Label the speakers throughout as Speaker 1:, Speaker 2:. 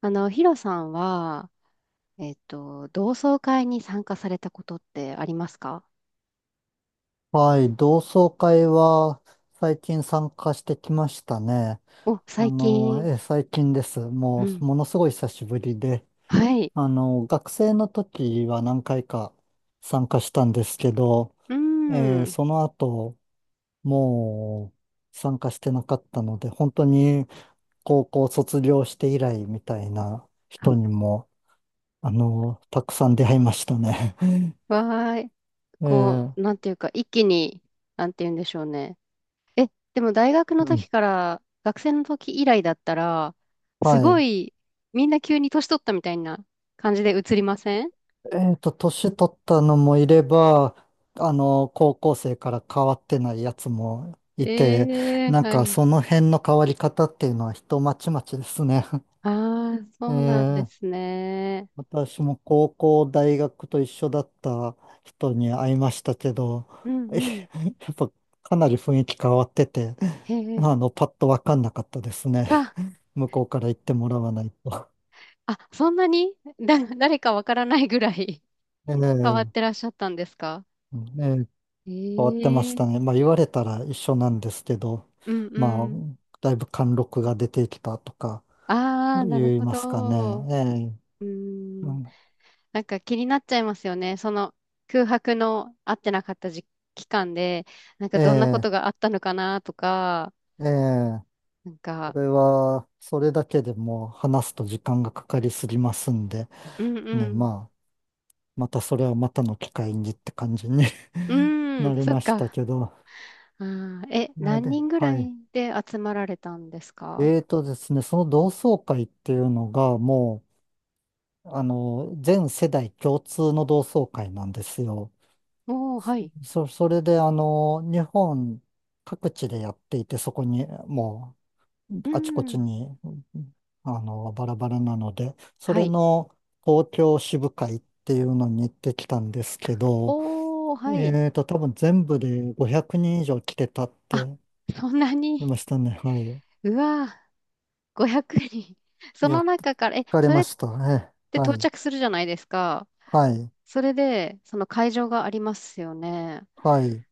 Speaker 1: ヒロさんは、同窓会に参加されたことってありますか？
Speaker 2: はい、同窓会は最近参加してきましたね。
Speaker 1: お、最近。
Speaker 2: 最近です。
Speaker 1: う
Speaker 2: もう、
Speaker 1: ん。
Speaker 2: ものすごい久しぶりで、
Speaker 1: はい。
Speaker 2: あの、学生の時は何回か参加したんですけど、
Speaker 1: うん。
Speaker 2: その後、もう参加してなかったので、本当に高校卒業して以来みたいな人にも、あの、たくさん出会いましたね。
Speaker 1: わーい。
Speaker 2: え
Speaker 1: こ
Speaker 2: ー
Speaker 1: う、なんていうか、一気に、なんて言うんでしょうね。え、でも大学の
Speaker 2: う
Speaker 1: 時
Speaker 2: ん、
Speaker 1: から、学生の時以来だったら、す
Speaker 2: は
Speaker 1: ご
Speaker 2: い。
Speaker 1: い、みんな急に年取ったみたいな感じで映りません？
Speaker 2: えっと、年取ったのもいれば、あの、高校生から変わってないやつもいて、
Speaker 1: ええー、
Speaker 2: なん
Speaker 1: は
Speaker 2: か
Speaker 1: い。
Speaker 2: その辺の変わり方っていうのは人まちまちですね。
Speaker 1: ああ、
Speaker 2: え
Speaker 1: そうなんです
Speaker 2: ー
Speaker 1: ね。
Speaker 2: 私も高校、大学と一緒だった人に会いましたけど、
Speaker 1: うん
Speaker 2: や
Speaker 1: うん。
Speaker 2: っぱかなり雰囲気変わってて、
Speaker 1: へえ。
Speaker 2: あの、パッとわかんなかったですね。
Speaker 1: うわ
Speaker 2: 向こうから言ってもらわないと。
Speaker 1: あ、そんなにだ 誰かわからないぐらい 変わって
Speaker 2: ええ
Speaker 1: らっしゃったんですか？
Speaker 2: ええ、変わってました
Speaker 1: ええ、
Speaker 2: ね。まあ言われたら一緒なんですけど、
Speaker 1: うんう
Speaker 2: まあ、
Speaker 1: ん。
Speaker 2: だいぶ貫禄が出てきたとか
Speaker 1: ああ、なる
Speaker 2: 言い
Speaker 1: ほ
Speaker 2: ますか
Speaker 1: ど。
Speaker 2: ね。
Speaker 1: う
Speaker 2: ええ、
Speaker 1: ー
Speaker 2: う
Speaker 1: ん。
Speaker 2: ん
Speaker 1: なんか気になっちゃいますよね。その空白の会ってなかった時期間で、なんか
Speaker 2: え
Speaker 1: どんなこ
Speaker 2: え、
Speaker 1: とがあったのかなとか、
Speaker 2: ええ、
Speaker 1: なん
Speaker 2: そ
Speaker 1: か、
Speaker 2: れは、それだけでもう話すと時間がかかりすぎますんで、
Speaker 1: うんう
Speaker 2: ね、
Speaker 1: ん。
Speaker 2: まあ、またそれはまたの機会にって感じに
Speaker 1: う ーん、
Speaker 2: なり
Speaker 1: そ
Speaker 2: ま
Speaker 1: っ
Speaker 2: した
Speaker 1: か。
Speaker 2: けど。
Speaker 1: あー、何人ぐら
Speaker 2: はい。
Speaker 1: いで集まられたんですか？
Speaker 2: えーとですね、その同窓会っていうのがもう、あの、全世代共通の同窓会なんですよ。
Speaker 1: おー、はい。
Speaker 2: それであの、日本各地でやっていて、そこにもう
Speaker 1: う
Speaker 2: あちこち
Speaker 1: ん。
Speaker 2: にあの、バラバラなので、そ
Speaker 1: は
Speaker 2: れ
Speaker 1: い。
Speaker 2: の東京支部会っていうのに行ってきたんですけど、
Speaker 1: おー、はい。
Speaker 2: えーと、多分全部で500人以上来てたっ
Speaker 1: あ、
Speaker 2: て
Speaker 1: そんな
Speaker 2: 言い
Speaker 1: に。
Speaker 2: ましたね。はい。
Speaker 1: うわぁ、500人。そ
Speaker 2: い
Speaker 1: の
Speaker 2: や、
Speaker 1: 中から、
Speaker 2: 疲れ
Speaker 1: それ
Speaker 2: ま
Speaker 1: っ
Speaker 2: したね。
Speaker 1: て
Speaker 2: は
Speaker 1: 到
Speaker 2: い。
Speaker 1: 着するじゃないですか。
Speaker 2: はい。
Speaker 1: それで、その会場がありますよね。
Speaker 2: はい。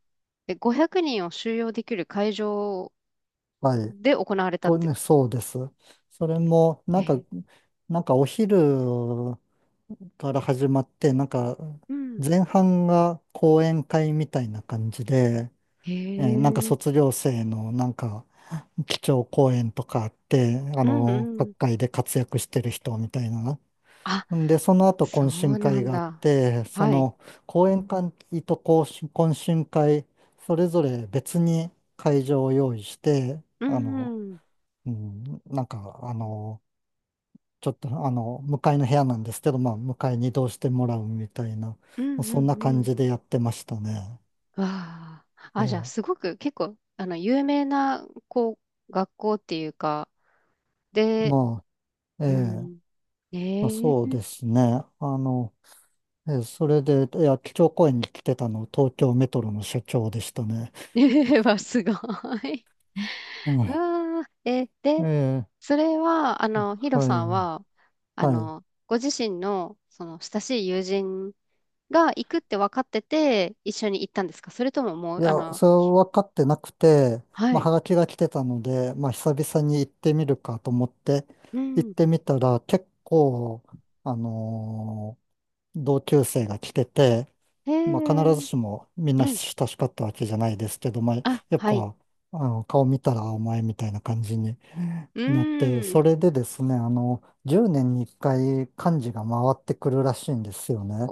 Speaker 1: で、500人を収容できる会場
Speaker 2: はい。
Speaker 1: で行われたっ
Speaker 2: これ
Speaker 1: て。
Speaker 2: ね、そうです。それも、な
Speaker 1: え、
Speaker 2: んか、なんかお昼から始まって、なんか、
Speaker 1: うん。
Speaker 2: 前半が講演会みたいな感じで、
Speaker 1: へ
Speaker 2: なんか
Speaker 1: え。
Speaker 2: 卒業生のなんか、基調講演とかあって、あ
Speaker 1: うんう
Speaker 2: の、各
Speaker 1: ん。
Speaker 2: 界で活躍してる人みたいな。
Speaker 1: あ、
Speaker 2: んで、その後
Speaker 1: そ
Speaker 2: 懇親
Speaker 1: うな
Speaker 2: 会
Speaker 1: ん
Speaker 2: があっ
Speaker 1: だ。
Speaker 2: て、そ
Speaker 1: はい。
Speaker 2: の講演会と懇親会、それぞれ別に会場を用意して、
Speaker 1: う
Speaker 2: あ
Speaker 1: ん
Speaker 2: の、
Speaker 1: うん。
Speaker 2: うん、なんか、あの、ちょっとあの、向かいの部屋なんですけど、まあ、向かいに移動してもらうみたいな、ま
Speaker 1: うん
Speaker 2: あ
Speaker 1: う
Speaker 2: そん
Speaker 1: ん
Speaker 2: な
Speaker 1: う
Speaker 2: 感
Speaker 1: ん。
Speaker 2: じでやってましたね。
Speaker 1: わあ。
Speaker 2: い
Speaker 1: あ、じゃあ、
Speaker 2: や、
Speaker 1: すごく結構、有名な、こう、学校っていうか、で、
Speaker 2: まあ、え
Speaker 1: う
Speaker 2: え、
Speaker 1: ん。
Speaker 2: まあ、
Speaker 1: え
Speaker 2: そうですね。あの、ええ、それで、いや、基調講演に来てたの、東京メトロの社長でしたね。
Speaker 1: え はすごい。
Speaker 2: う
Speaker 1: う
Speaker 2: ん。
Speaker 1: わー、で、
Speaker 2: ええ、
Speaker 1: それは、
Speaker 2: は
Speaker 1: ヒロさん
Speaker 2: い、
Speaker 1: は、
Speaker 2: はい。
Speaker 1: ご自身の、その、親しい友人が行くって分かってて、一緒に行ったんですか？それともも
Speaker 2: い
Speaker 1: う、
Speaker 2: や、それは分かってなくて、
Speaker 1: は
Speaker 2: まあ、
Speaker 1: い。
Speaker 2: はがきが来てたので、まあ、久々に行ってみるかと思って、
Speaker 1: う
Speaker 2: 行っ
Speaker 1: ん。
Speaker 2: てみたら、結構、あのー同級生が来てて、
Speaker 1: へ
Speaker 2: まあ、必ず
Speaker 1: え、
Speaker 2: しもみん
Speaker 1: う
Speaker 2: な
Speaker 1: ん。
Speaker 2: 親しかったわけじゃないですけど、まあ、
Speaker 1: あ、
Speaker 2: やっ
Speaker 1: はい。
Speaker 2: ぱ、あの、顔見たらお前みたいな感じに
Speaker 1: う
Speaker 2: なって、
Speaker 1: ーん。
Speaker 2: それでですね、あの、10年に1回幹事が回ってくるらしいんですよね。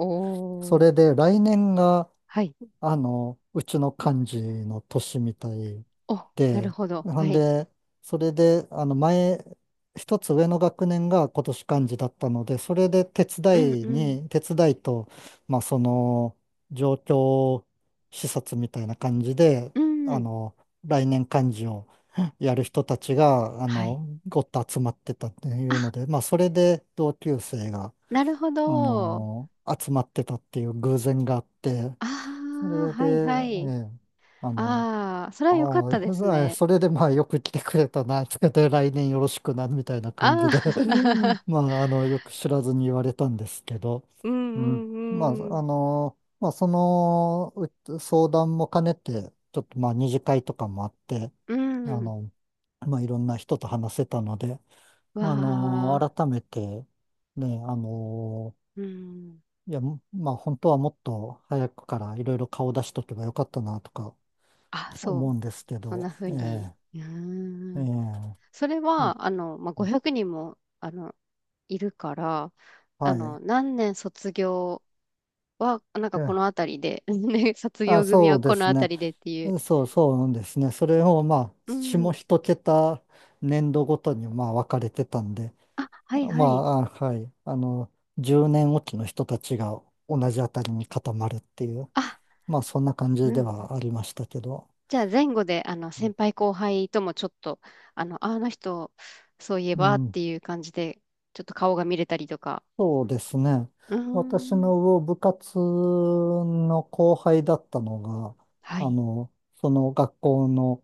Speaker 2: それ
Speaker 1: ー。
Speaker 2: で来年が
Speaker 1: はい。
Speaker 2: あの、うちの幹事の年みたい
Speaker 1: お、なる
Speaker 2: で、
Speaker 1: ほど。
Speaker 2: ほ
Speaker 1: は
Speaker 2: ん
Speaker 1: い。
Speaker 2: で、それで、あの、前、一つ上の学年が今年幹事だったので、それで手
Speaker 1: うん、
Speaker 2: 伝
Speaker 1: う
Speaker 2: い
Speaker 1: ん。
Speaker 2: に、手伝いと、まあ、その、状況視察みたいな感じで、
Speaker 1: う
Speaker 2: あ
Speaker 1: ん。
Speaker 2: の、来年幹事をやる人たちが、あ
Speaker 1: はい。
Speaker 2: の、ごっと集まってたってい
Speaker 1: あ、
Speaker 2: うので、まあ、それで同級生が、
Speaker 1: なるほ
Speaker 2: あ
Speaker 1: ど。
Speaker 2: の、集まってたっていう偶然があって、
Speaker 1: あ
Speaker 2: そ
Speaker 1: あ、
Speaker 2: れで、
Speaker 1: は
Speaker 2: え
Speaker 1: いはい。
Speaker 2: え、あの、
Speaker 1: ああ、それは
Speaker 2: あ
Speaker 1: 良かっ
Speaker 2: あ、
Speaker 1: たですね。
Speaker 2: それでまあよく来てくれたな、つけて来年よろしくな、みたいな感
Speaker 1: あ
Speaker 2: じで
Speaker 1: あ、
Speaker 2: まあ、あの、よく知らずに言われたんですけど、
Speaker 1: うん
Speaker 2: うん。ま
Speaker 1: うん
Speaker 2: あ、
Speaker 1: う
Speaker 2: あの、まあ、そのう相談も兼ねて、ちょっとまあ、二次会とかもあって、
Speaker 1: ん。う
Speaker 2: あ
Speaker 1: ん。
Speaker 2: の、まあ、いろんな人と話せたので、
Speaker 1: わ
Speaker 2: あの、
Speaker 1: あ、
Speaker 2: 改めて、ね、あの、
Speaker 1: うん。
Speaker 2: いや、まあ、本当はもっと早くからいろいろ顔出しとけばよかったな、とか
Speaker 1: あ、そ
Speaker 2: 思う
Speaker 1: う。
Speaker 2: んですけ
Speaker 1: そん
Speaker 2: ど、
Speaker 1: な風
Speaker 2: え
Speaker 1: に。
Speaker 2: え
Speaker 1: う
Speaker 2: え
Speaker 1: ー
Speaker 2: えう
Speaker 1: ん。
Speaker 2: ん
Speaker 1: それ
Speaker 2: うん
Speaker 1: は、まあ、500人も、いるから、
Speaker 2: はい。
Speaker 1: 何年卒業は、なんかこ
Speaker 2: え
Speaker 1: の
Speaker 2: え
Speaker 1: 辺りで、ね、卒
Speaker 2: あ、
Speaker 1: 業組
Speaker 2: そ
Speaker 1: は
Speaker 2: うで
Speaker 1: この
Speaker 2: すね。
Speaker 1: 辺りでっていう。
Speaker 2: うそうそうなんですね。それをまあ、
Speaker 1: う
Speaker 2: 下
Speaker 1: ん。
Speaker 2: 一桁年度ごとにまあ分かれてたんで、
Speaker 1: あ、はい
Speaker 2: ま
Speaker 1: はい。
Speaker 2: あ、あはい。あの、10年おきの人たちが同じあたりに固まるっていう、
Speaker 1: あ、
Speaker 2: まあ、そんな感じ
Speaker 1: う
Speaker 2: で
Speaker 1: ん。
Speaker 2: はありましたけど。
Speaker 1: じゃあ前後で先輩後輩ともちょっと、ああの人そういえ
Speaker 2: う
Speaker 1: ばっ
Speaker 2: ん
Speaker 1: ていう感じでちょっと顔が見れたりとか。
Speaker 2: そうですね。
Speaker 1: うー
Speaker 2: 私
Speaker 1: ん。
Speaker 2: の部活の後輩だったのが、
Speaker 1: は
Speaker 2: あ
Speaker 1: い。
Speaker 2: の、その学校の、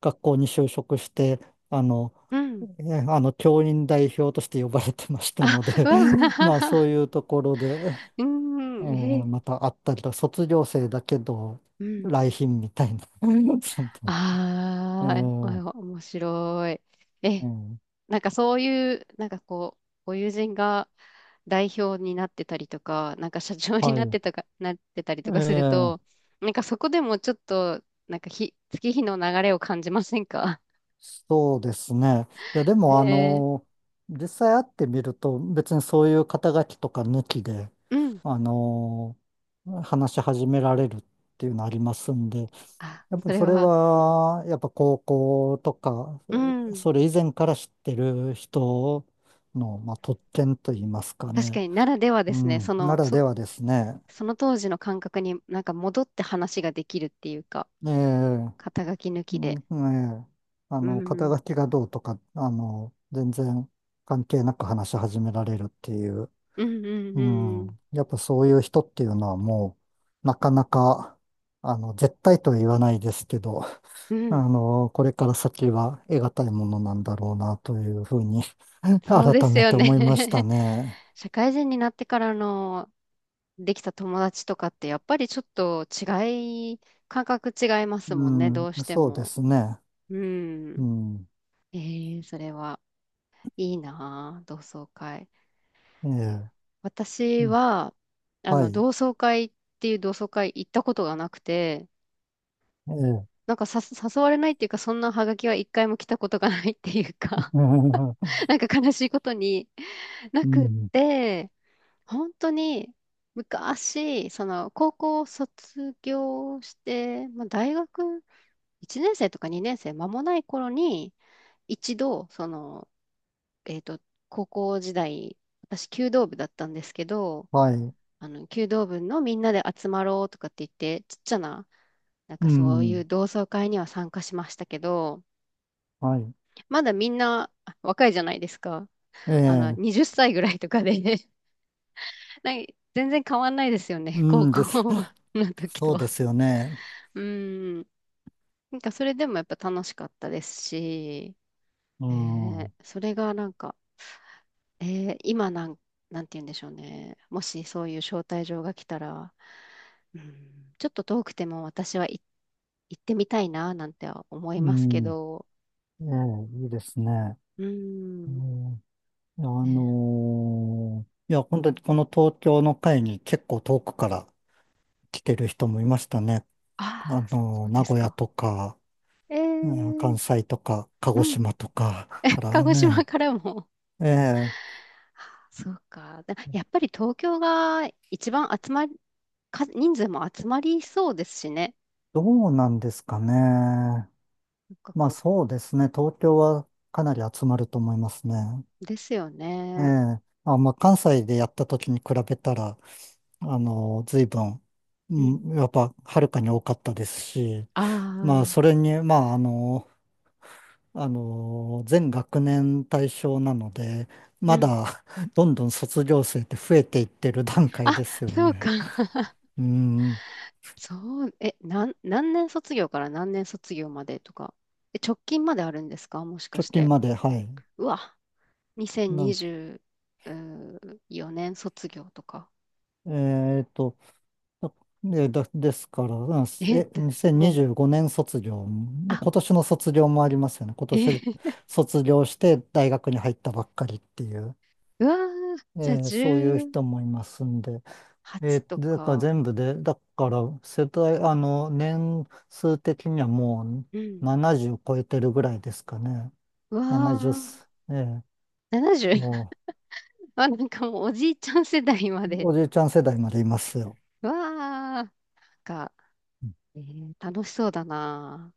Speaker 2: 学校に就職して、あの、
Speaker 1: うん。
Speaker 2: あの、教員代表として呼ばれてました
Speaker 1: あ、
Speaker 2: の
Speaker 1: う
Speaker 2: で、
Speaker 1: わ、
Speaker 2: まあそう いうところで、
Speaker 1: う
Speaker 2: えー
Speaker 1: ーん。へえ。
Speaker 2: また会ったりと、卒業生だけど、
Speaker 1: うん。
Speaker 2: 来賓みたいな、そんなえ
Speaker 1: ああ、
Speaker 2: ー
Speaker 1: お面白い。
Speaker 2: え
Speaker 1: え、
Speaker 2: ー
Speaker 1: なんかそういう、なんかこう、ご友人が代表になってたりとか、なんか社長に
Speaker 2: は
Speaker 1: なっ
Speaker 2: い。
Speaker 1: てたか、なってたりとかすると、
Speaker 2: ええ
Speaker 1: なんかそこでもちょっと、なんか月日の流れを感じませんか？
Speaker 2: そうですね。いや、でも、あ
Speaker 1: で、
Speaker 2: の、実際会ってみると、別にそういう肩書きとか抜きで、
Speaker 1: うん。
Speaker 2: あの、話し始められるっていうのありますんで、
Speaker 1: あ、
Speaker 2: やっぱ
Speaker 1: そ
Speaker 2: り
Speaker 1: れ
Speaker 2: それ
Speaker 1: は、
Speaker 2: は、やっぱ高校とか、
Speaker 1: うん。
Speaker 2: それ以前から知ってる人の、まあ、特権といいますか
Speaker 1: 確か
Speaker 2: ね。
Speaker 1: にならではで
Speaker 2: う
Speaker 1: すね。
Speaker 2: ん、ならではですね。
Speaker 1: その当時の感覚になんか戻って話ができるっていうか、
Speaker 2: ええ
Speaker 1: 肩書き抜
Speaker 2: う
Speaker 1: き
Speaker 2: ん
Speaker 1: で。
Speaker 2: ええ、あ
Speaker 1: う
Speaker 2: の、肩
Speaker 1: ん。
Speaker 2: 書きがどうとか、あの、全然関係なく話し始められるっていう、
Speaker 1: うんうん
Speaker 2: う
Speaker 1: う
Speaker 2: ん、
Speaker 1: ん。
Speaker 2: やっぱそういう人っていうのはもう、なかなか、あの、絶対とは言わないですけど、
Speaker 1: う
Speaker 2: あ
Speaker 1: ん。
Speaker 2: の、これから先は得難いものなんだろうなというふうに
Speaker 1: そうで
Speaker 2: 改
Speaker 1: す
Speaker 2: め
Speaker 1: よ
Speaker 2: て
Speaker 1: ね。
Speaker 2: 思いました ね。
Speaker 1: 社会人になってからのできた友達とかってやっぱりちょっと違い、感覚違います
Speaker 2: う
Speaker 1: もんね、ど
Speaker 2: ん、
Speaker 1: うして
Speaker 2: そうで
Speaker 1: も。
Speaker 2: すね。
Speaker 1: う
Speaker 2: う
Speaker 1: ん。
Speaker 2: ん、
Speaker 1: えー、それはいいなあ同窓会。
Speaker 2: ええ、う
Speaker 1: 私
Speaker 2: ん
Speaker 1: は、
Speaker 2: はい、
Speaker 1: 同窓会っていう同窓会行ったことがなくて、
Speaker 2: ええ、
Speaker 1: なんかさ誘われないっていうか、そんなハガキは一回も来たことがないっていうか、なんか悲しいことにな
Speaker 2: う
Speaker 1: くっ
Speaker 2: ん、
Speaker 1: て、本当に昔、その高校を卒業して、まあ、大学1年生とか2年生間もない頃に、一度、その、えっと、高校時代、私、弓道部だったんですけど、
Speaker 2: はい、
Speaker 1: 弓道部のみんなで集まろうとかって言って、ちっちゃな、なん
Speaker 2: う
Speaker 1: かそういう
Speaker 2: ん、
Speaker 1: 同窓会には参加しましたけど、
Speaker 2: はい。
Speaker 1: まだみんなあ若いじゃないですか。
Speaker 2: ええ、
Speaker 1: 20歳ぐらいとかでなんか全然変わんないですよ
Speaker 2: う
Speaker 1: ね、高
Speaker 2: ん
Speaker 1: 校
Speaker 2: です。
Speaker 1: の時
Speaker 2: そ
Speaker 1: と
Speaker 2: うで
Speaker 1: は。
Speaker 2: すよね。
Speaker 1: うん。なんかそれでもやっぱ楽しかったですし、
Speaker 2: う
Speaker 1: え
Speaker 2: ん、
Speaker 1: ー
Speaker 2: う
Speaker 1: それがなんか、えー今なんて言うんでしょうね。もしそういう招待状が来たら、うん、ちょっと遠くても私行ってみたいな、なんては思いますけ
Speaker 2: ん、
Speaker 1: ど、
Speaker 2: ええ、いいですね。
Speaker 1: う
Speaker 2: う
Speaker 1: ん。
Speaker 2: ん、いやあ
Speaker 1: ね、
Speaker 2: のーいや、本当にこの東京の会に結構遠くから来てる人もいましたね。あ
Speaker 1: ああ、そ
Speaker 2: の
Speaker 1: う
Speaker 2: ー
Speaker 1: で
Speaker 2: 名
Speaker 1: す
Speaker 2: 古屋
Speaker 1: か。
Speaker 2: とか、
Speaker 1: え
Speaker 2: うん
Speaker 1: ー、
Speaker 2: 関西とか、鹿
Speaker 1: う
Speaker 2: 児
Speaker 1: ん。
Speaker 2: 島とかか
Speaker 1: 鹿
Speaker 2: ら
Speaker 1: 児島
Speaker 2: ね。
Speaker 1: からも、
Speaker 2: ええ、
Speaker 1: そうか。だやっぱり東京が一番集まり、か人数も集まりそうですしね。
Speaker 2: どうなんですかね。
Speaker 1: なんか
Speaker 2: まあ
Speaker 1: こ
Speaker 2: そうですね。東京はかなり集まると思いますね。
Speaker 1: う、ですよ
Speaker 2: え
Speaker 1: ね。
Speaker 2: え、あ、まあ、関西でやった時に比べたら、あの、随分、
Speaker 1: う
Speaker 2: う
Speaker 1: ん。
Speaker 2: ん、やっぱ、はるかに多かったですし、
Speaker 1: あ
Speaker 2: まあ、
Speaker 1: あ、
Speaker 2: それに、まあ、あの、全学年対象なので、
Speaker 1: う
Speaker 2: ま
Speaker 1: ん。
Speaker 2: だ、どんどん卒業生って増えていってる段階
Speaker 1: あ、
Speaker 2: ですよ
Speaker 1: そうか。
Speaker 2: ね。うん、
Speaker 1: そう、え、なん、何年卒業から何年卒業までとか。直近まであるんですかもしか
Speaker 2: 直
Speaker 1: し
Speaker 2: 近
Speaker 1: て？
Speaker 2: まで、はい。
Speaker 1: うわ、
Speaker 2: なん、
Speaker 1: 2024年卒業とか。
Speaker 2: えっと、あですから、うん
Speaker 1: え、っ
Speaker 2: え、
Speaker 1: もう、
Speaker 2: 2025年卒業、今
Speaker 1: あ、
Speaker 2: 年の卒業もありますよね。今
Speaker 1: え、
Speaker 2: 年 卒業して大学に入ったばっかりっていう、
Speaker 1: うわー、
Speaker 2: え
Speaker 1: じゃあ
Speaker 2: そういう
Speaker 1: 18
Speaker 2: 人もいますんで、えー
Speaker 1: と
Speaker 2: だから
Speaker 1: か。
Speaker 2: 全部で、だから世代、あの、年数的にはも
Speaker 1: う
Speaker 2: う
Speaker 1: ん。
Speaker 2: 70超えてるぐらいですかね。
Speaker 1: うわあ、
Speaker 2: 70す、えー
Speaker 1: 70？
Speaker 2: も
Speaker 1: あ、なんかもうおじいちゃん世代ま
Speaker 2: う
Speaker 1: で。
Speaker 2: おじいちゃん世代までいますよ。
Speaker 1: うわあ、なんか、えー楽しそうだな